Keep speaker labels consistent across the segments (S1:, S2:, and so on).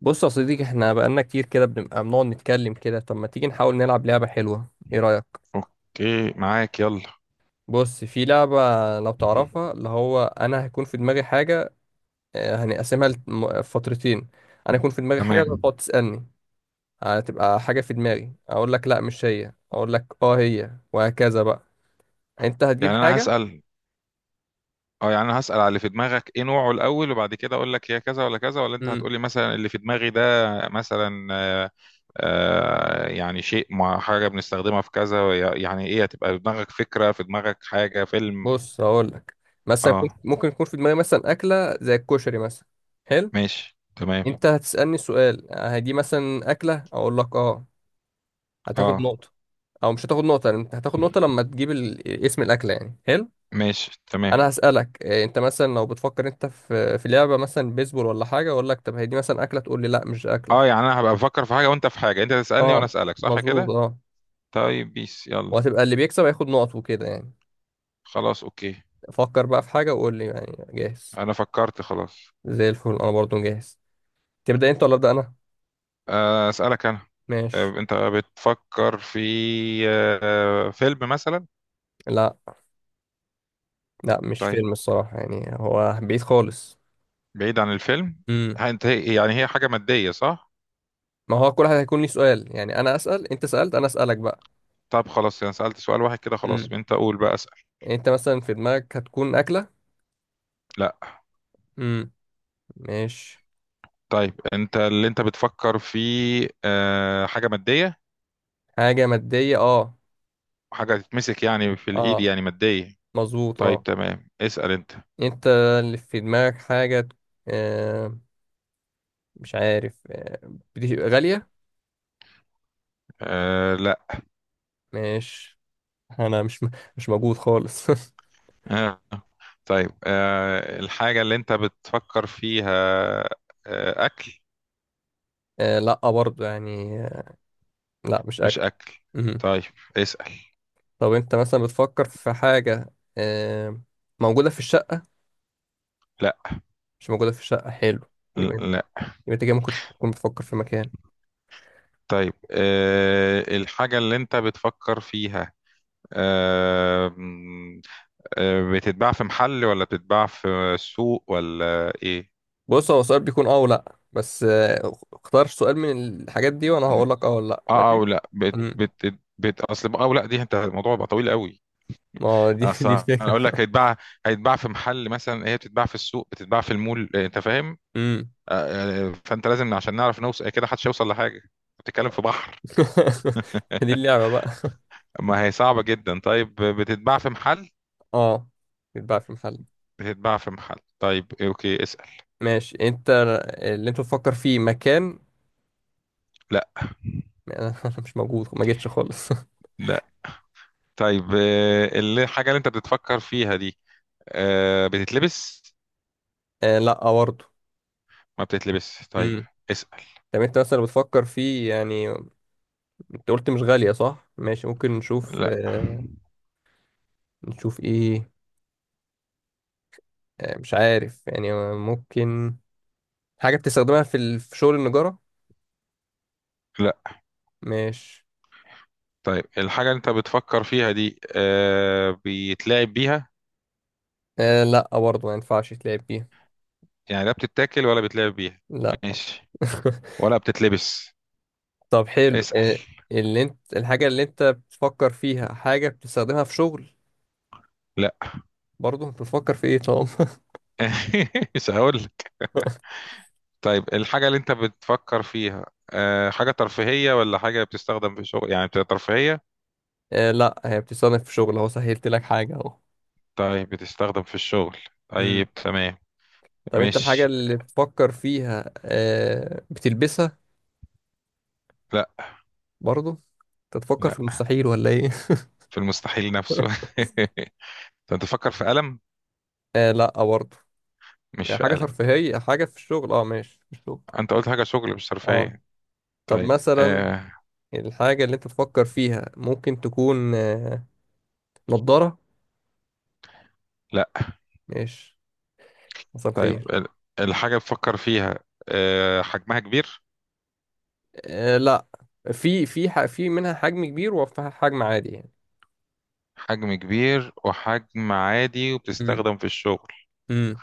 S1: بص يا صديقي، احنا بقالنا كتير كده بنبقى بنقعد نتكلم كده. طب ما تيجي نحاول نلعب لعبة حلوة؟ ايه رأيك؟
S2: اوكي، معاك يلا.
S1: بص، في لعبة لو تعرفها، اللي هو انا هيكون في دماغي حاجة. هنقسمها لفترتين. انا يكون في دماغي حاجة، أنت
S2: تمام.
S1: تقعد تسألني. هتبقى حاجة في دماغي، اقول لك لا مش هي، اقول لك اه هي، وهكذا بقى. انت هتجيب
S2: يعني انا
S1: حاجة.
S2: هسأل. اه يعني انا هسأل على اللي في دماغك ايه نوعه الاول، وبعد كده اقول لك هي كذا ولا كذا، ولا انت
S1: امم
S2: هتقولي مثلا اللي في دماغي ده. مثلا يعني شيء مع حاجة بنستخدمها في كذا، يعني ايه، هتبقى في دماغك فكرة، في دماغك حاجة، فيلم.
S1: بص هقول لك، مثلا
S2: اه
S1: ممكن يكون في دماغي مثلا أكلة زي الكشري مثلا. حلو.
S2: ماشي تمام.
S1: انت هتسألني سؤال، هي دي مثلا أكلة، اقول لك اه، هتاخد
S2: اه
S1: نقطة. او مش هتاخد نقطة، لأن انت هتاخد نقطة لما تجيب اسم الأكلة يعني. حلو.
S2: ماشي تمام.
S1: انا هسألك إيه، انت مثلا لو بتفكر انت في لعبة مثلا بيسبول ولا حاجة، اقول لك طب هي دي مثلا أكلة، تقول لي لا مش
S2: اه
S1: أكلة.
S2: يعني انا هبقى بفكر في حاجة وانت في حاجة، انت تسألني
S1: اه
S2: وانا اسألك، صح
S1: مظبوط
S2: كده؟
S1: اه.
S2: طيب بيس يلا.
S1: وهتبقى اللي بيكسب هياخد نقط وكده يعني.
S2: خلاص اوكي.
S1: فكر بقى في حاجة وقول لي يعني جاهز.
S2: انا فكرت خلاص.
S1: زي الفل، انا برضو جاهز. تبدأ انت ولا أبدأ انا؟
S2: أسألك أنا.
S1: ماشي.
S2: أنت بتفكر في فيلم مثلا؟
S1: لا، لا، مش
S2: طيب،
S1: فيلم الصراحة يعني، هو بعيد خالص.
S2: بعيد عن الفيلم.
S1: امم
S2: أنت يعني هي حاجة مادية، صح؟
S1: ما هو كل واحد هيكون ليه سؤال يعني، انا أسأل، انت سألت، انا أسألك
S2: طب خلاص، أنا سألت سؤال واحد كده
S1: بقى.
S2: خلاص، أنت قول بقى، أسأل.
S1: يعني انت مثلا في دماغك هتكون اكله.
S2: لا.
S1: امم ماشي.
S2: طيب أنت اللي بتفكر في حاجة مادية؟
S1: حاجه ماديه اه.
S2: وحاجة تتمسك يعني في الإيد،
S1: اه
S2: يعني مادية.
S1: مظبوط
S2: طيب
S1: اه.
S2: تمام، اسأل أنت.
S1: انت، اللي في دماغك حاجه. آه مش عارف. بتبقى غاليه؟
S2: لا.
S1: ماشي. انا مش مش موجود خالص.
S2: آه، طيب، الحاجة اللي أنت بتفكر فيها أكل؟
S1: لا برضه يعني. لا مش
S2: مش
S1: اكل.
S2: أكل،
S1: امم
S2: طيب. اسأل.
S1: طب انت مثلا بتفكر في حاجه آه موجوده في الشقه؟ مش موجوده في الشقه. حلو. يبقى
S2: لا.
S1: يبقى انت كده ممكن تكون بتفكر في مكان.
S2: طيب الحاجة اللي انت بتفكر فيها أه بتتباع في محل، ولا بتتباع في سوق، ولا ايه؟
S1: بص، هو سؤال بيكون اه ولا بس. اختار سؤال من الحاجات دي وانا هقول لك اه ولا لا.
S2: اه
S1: ماشي.
S2: او لا، بت
S1: امم
S2: بت بت اصل او لا دي، انت الموضوع بقى طويل قوي.
S1: ما هو دي.
S2: اصل
S1: دي
S2: انا اقول لك
S1: الفكره.
S2: هيتباع، هيتباع في محل مثلا، هي بتتباع في السوق، بتتباع في المول، انت فاهم.
S1: امم
S2: فانت لازم عشان نعرف نوصل كده، محدش هيوصل لحاجة، بتتكلم في بحر.
S1: دي اللعبه بقى.
S2: ما هي صعبة جدا. طيب بتتباع في محل؟
S1: اه، بيتباع في محل.
S2: بتتباع في محل، طيب اوكي. اسأل.
S1: ماشي. انت، اللي انت بتفكر فيه مكان؟
S2: لا.
S1: انا مش موجود ما جيتش خالص.
S2: لا. طيب الحاجة اللي انت بتتفكر فيها دي بتتلبس؟
S1: لا برضه.
S2: ما بتتلبس، طيب.
S1: امم
S2: اسأل.
S1: طب انت مثلا بتفكر فيه يعني، انت قلت مش غاليه صح؟ ماشي، ممكن نشوف.
S2: لا.
S1: نشوف ايه؟ مش عارف يعني، ممكن حاجه بتستخدمها في في شغل النجاره.
S2: لا.
S1: ماشي.
S2: طيب الحاجة اللي انت بتفكر فيها دي بيتلعب بيها؟
S1: لا برضه، ما ينفعش تلعب بيها.
S2: يعني لا بتتاكل ولا بيتلعب بيها.
S1: لا.
S2: ماشي. ولا بتتلبس.
S1: طب حلو.
S2: اسأل.
S1: اللي انت الحاجة اللي انت بتفكر فيها حاجة بتستخدمها في شغل؟
S2: لا.
S1: برضه، انت بتفكر في ايه طب؟
S2: مش هقول لك. طيب الحاجة اللي انت بتفكر فيها حاجة ترفيهية ولا حاجة بتستخدم في الشغل، يعني بتبقى ترفيهية؟
S1: لا، هي بتستخدم في شغل اهو، سهلت لك حاجة اهو.
S2: طيب بتستخدم في الشغل،
S1: امم
S2: طيب تمام.
S1: طب انت، الحاجة
S2: مش،
S1: اللي بتفكر فيها بتلبسها؟
S2: لا.
S1: برضه، انت تفكر
S2: لا،
S1: في المستحيل ولا ايه؟
S2: في المستحيل نفسه. طب انت فكر في ألم.
S1: لا برضه.
S2: مش
S1: يعني
S2: في
S1: حاجة
S2: ألم.
S1: ترفيهية، حاجة في الشغل اه، ماشي في الشغل
S2: انت قلت حاجة شغل مش
S1: اه.
S2: ترفيهية.
S1: طب
S2: طيب
S1: مثلا
S2: آه
S1: الحاجة اللي انت تفكر فيها ممكن تكون نضارة؟
S2: لا.
S1: ماشي. مساء
S2: طيب،
S1: الخير.
S2: الحاجة بفكر فيها حجمها كبير؟
S1: لا، في منها حجم كبير وفيها حجم عادي يعني.
S2: حجم كبير وحجم عادي
S1: امم
S2: وبتستخدم في الشغل.
S1: امم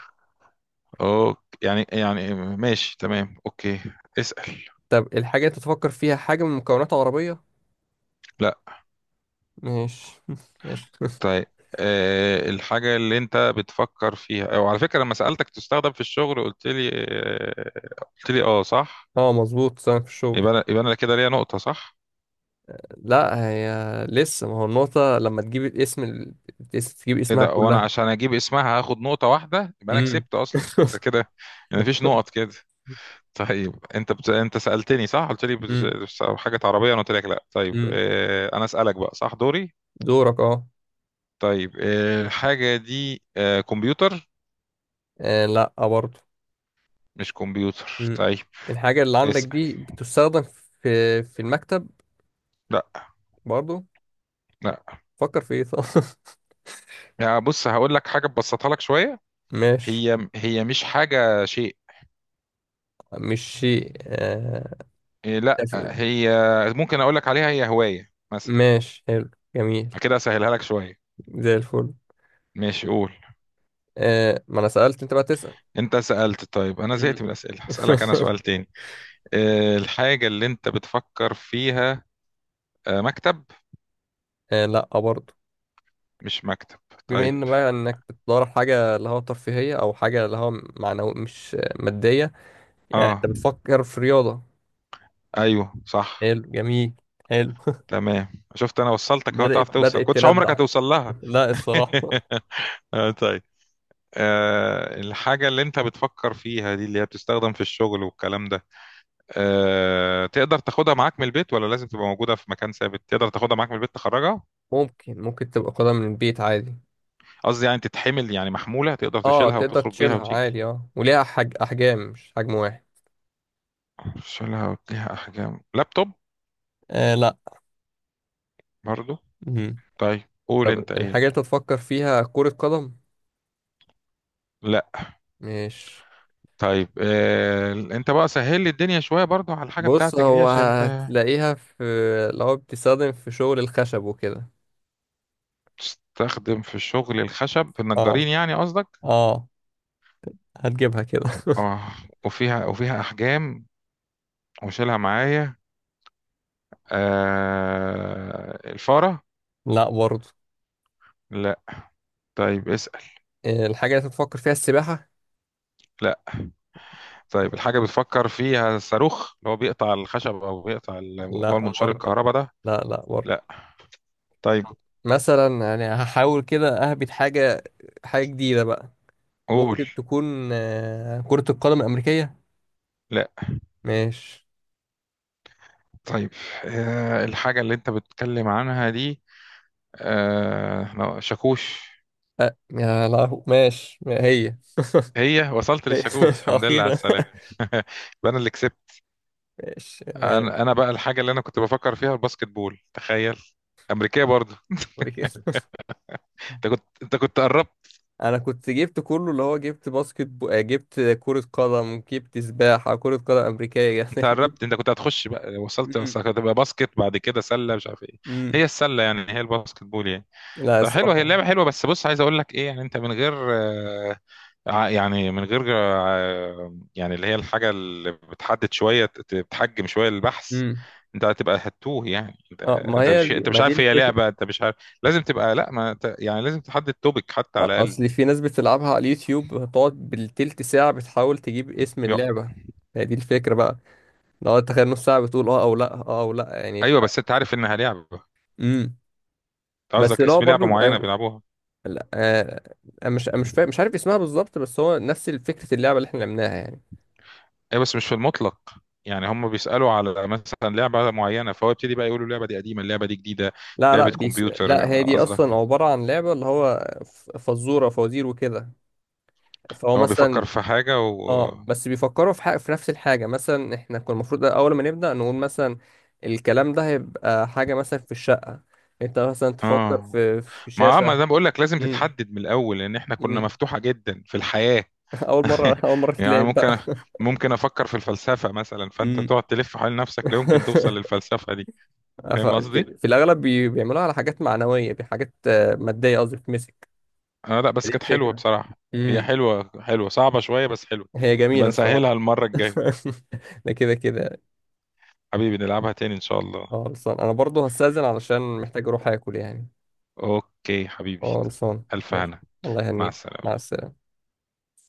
S2: اوكي، يعني ماشي تمام، اوكي. اسأل.
S1: طب الحاجة انت تفكر فيها حاجة من مكونات عربية؟
S2: لا.
S1: ماشي. ماشي.
S2: طيب الحاجة اللي انت بتفكر فيها، وعلى فكرة لما سألتك تستخدم في الشغل قلت لي قلت لي اه، صح؟
S1: اه مظبوط، سامع، في الشغل.
S2: يبقى يبقى انا كده ليا نقطة، صح؟
S1: لا، هي لسه، ما هو النقطة لما تجيب الاسم تجيب
S2: ايه
S1: اسمها
S2: ده، وانا
S1: كلها.
S2: عشان اجيب اسمها هاخد نقطة واحدة؟ يبقى انا
S1: امم
S2: كسبت اصلا انت كده، يعني مفيش نقط كده. طيب انت بت، انت سألتني صح؟ قلت لي بت،
S1: امم
S2: حاجة عربية، انا قلت لك لا. طيب
S1: امم
S2: اه، انا اسألك بقى، صح دوري؟
S1: دورك اه.
S2: طيب اه، الحاجة دي اه، كمبيوتر؟
S1: لا برضه.
S2: مش كمبيوتر،
S1: امم
S2: طيب.
S1: الحاجة اللي عندك
S2: اسأل.
S1: دي بتستخدم في المكتب؟
S2: لا.
S1: برضه،
S2: لا،
S1: فكر في ايه؟ طب،
S2: يعني بص هقول لك حاجة تبسطها لك شوية.
S1: ماشي.
S2: هي مش حاجة شيء.
S1: مش شيء
S2: إيه لا
S1: تف-
S2: هي، ممكن اقول لك عليها هي هواية مثلا،
S1: ماشي حلو، جميل.
S2: كده اسهلها لك شوية.
S1: زي الفل.
S2: ماشي قول.
S1: ما انا سألت انت بقى تسأل.
S2: انت سألت، طيب انا
S1: مم.
S2: زهقت من الأسئلة، هسألك انا سؤال تاني. الحاجة اللي انت بتفكر فيها مكتب؟
S1: لا برضه.
S2: مش مكتب،
S1: بما
S2: طيب.
S1: ان بقى انك بتدور على حاجة اللي هو ترفيهية، او حاجة اللي هو معنوي مش مادية، يعني
S2: اه.
S1: انت بتفكر في رياضة؟
S2: ايوه صح.
S1: حلو، جميل. حلو.
S2: تمام، شفت؟ انا وصلتك اهو،
S1: بدأت
S2: تعرف توصل،
S1: بدأت
S2: كنتش عمرك
S1: تندع.
S2: هتوصل لها.
S1: لا الصراحة.
S2: آه طيب. الحاجة اللي انت بتفكر فيها دي اللي هي بتستخدم في الشغل والكلام ده، تقدر تاخدها معاك من البيت، ولا لازم تبقى موجودة في مكان ثابت؟ تقدر تاخدها معاك من البيت تخرجها؟
S1: ممكن تبقى قدم من البيت عادي.
S2: قصدي يعني تتحمل، يعني محمولة، تقدر
S1: اه
S2: تشيلها
S1: تقدر
S2: وتخرج بيها
S1: تشيلها
S2: وتيجي؟
S1: عادي، اه وليها احجام مش حجم واحد.
S2: افصلها واديها احجام لابتوب
S1: آه
S2: برضو؟
S1: لا.
S2: طيب قول
S1: طب
S2: انت
S1: الحاجة
S2: ايه.
S1: اللي أنت تفكر فيها كرة قدم؟
S2: لا.
S1: مش.
S2: طيب آه انت بقى سهل لي الدنيا شويه برضو على الحاجه
S1: بص،
S2: بتاعتك دي،
S1: هو
S2: عشان انت.
S1: هتلاقيها في، لو بتستخدم في شغل الخشب وكده.
S2: تستخدم في الشغل الخشب، في
S1: اه،
S2: النجارين يعني قصدك؟
S1: اه، هتجيبها كده.
S2: اه. وفيها، وفيها احجام، وشيلها معايا. الفاره؟
S1: لا برضه.
S2: لا. طيب اسأل.
S1: إيه، الحاجة اللي أنت تفكر فيها السباحة؟
S2: لا. طيب الحاجة بتفكر فيها الصاروخ اللي هو بيقطع الخشب، أو بيقطع اللي هو
S1: لا
S2: المنشار
S1: برضه.
S2: الكهرباء ده؟
S1: لا، لا برضه.
S2: لا. طيب
S1: مثلا يعني هحاول كده أهبط حاجة، حاجة جديدة بقى.
S2: قول.
S1: ممكن تكون كرة القدم الأمريكية؟
S2: لا.
S1: ماشي.
S2: طيب الحاجة اللي انت بتتكلم عنها دي شاكوش؟
S1: أه يا لهو، ماشي هي.
S2: هي وصلت
S1: هي.
S2: للشاكوش، الحمد لله على
S1: أخيرا.
S2: السلامة. يبقى انا اللي كسبت.
S1: ماشي.
S2: انا بقى الحاجة اللي انا كنت بفكر فيها الباسكت بول، تخيل. امريكية برضو.
S1: أمريكية.
S2: انت كنت قربت.
S1: انا كنت جبت كله، اللي هو جبت جبت كرة قدم، جبت سباحة، كرة قدم امريكية،
S2: انت
S1: جبت.
S2: قربت، انت كنت هتخش بقى، وصلت
S1: مم.
S2: وصلت، هتبقى باسكت، بعد كده سلة، مش عارف ايه.
S1: مم.
S2: هي السلة يعني هي الباسكت بول يعني.
S1: لا
S2: ده حلو، هي
S1: الصراحة.
S2: اللعبة حلوة، بس بص عايز اقول لك ايه، يعني انت من غير يعني من غير يعني اللي هي الحاجة اللي بتحدد شوية، بتحجم شوية البحث،
S1: مم.
S2: انت هتبقى هتوه يعني انت.
S1: اه،
S2: انت مش انت
S1: ما
S2: مش
S1: دي
S2: عارف هي
S1: الفكرة.
S2: لعبة، انت مش عارف. لازم تبقى، لا ما انت- يعني لازم تحدد توبيك حتى على
S1: اصل
S2: الاقل.
S1: في ناس بتلعبها على اليوتيوب، هتقعد بالتلت ساعة بتحاول تجيب اسم
S2: يو-
S1: اللعبة. هي دي الفكرة بقى، لو تخيل نص ساعة بتقول اه او لا، اه او لا، يعني
S2: ايوه بس انت عارف انها لعبة.
S1: مم.
S2: انت
S1: بس
S2: قصدك
S1: اللي هو
S2: اسم لعبة
S1: برضه
S2: معينة بيلعبوها.
S1: لا، أنا مش فاهم، مش عارف اسمها بالظبط، بس هو نفس فكرة اللعبة اللي احنا لعبناها يعني.
S2: ايوه بس مش في المطلق، يعني هم بيسألوا على مثلا لعبة معينة، فهو يبتدي بقى يقولوا اللعبة دي قديمة، اللعبة دي جديدة.
S1: لا، لا،
S2: لعبة
S1: لا،
S2: كمبيوتر
S1: هي دي اصلا
S2: قصدك؟
S1: عباره عن لعبه اللي هو فزوره، فوازير، وكده. فهو
S2: هو
S1: مثلا،
S2: بيفكر في حاجة و،
S1: اه بس بيفكروا في حاجه، في نفس الحاجه. مثلا احنا كنا المفروض اول ما نبدا نقول مثلا الكلام ده هيبقى حاجه مثلا في الشقه، انت مثلا تفكر
S2: اه.
S1: في
S2: ما ما
S1: شاشه.
S2: انا بقول لك لازم
S1: امم
S2: تتحدد من الاول، لان احنا كنا
S1: امم
S2: مفتوحة جدا في الحياة.
S1: اول مره اول مره
S2: يعني
S1: تلعب بقى.
S2: ممكن، ممكن افكر في الفلسفة مثلا، فانت
S1: امم
S2: تقعد تلف حول نفسك لا يمكن توصل للفلسفة دي. فاهم قصدي؟
S1: في الاغلب بيعملوها على حاجات معنويه، بحاجات ماديه قصدي بتمسك.
S2: اه لا
S1: دي
S2: بس كانت حلوة
S1: الفكره.
S2: بصراحة. هي
S1: امم
S2: حلوة، حلوة، صعبة شوية بس حلوة.
S1: هي جميله
S2: نبقى
S1: الصراحه.
S2: نسهلها المرة الجاية.
S1: ده كده كده.
S2: حبيبي نلعبها تاني ان شاء الله.
S1: خلصان، انا برضو هستأذن علشان محتاج اروح اكل يعني.
S2: اوكي حبيبي،
S1: خلصان.
S2: الف
S1: ماشي.
S2: هنا.
S1: الله
S2: مع
S1: يهنيك. مع
S2: السلامة.
S1: السلامة.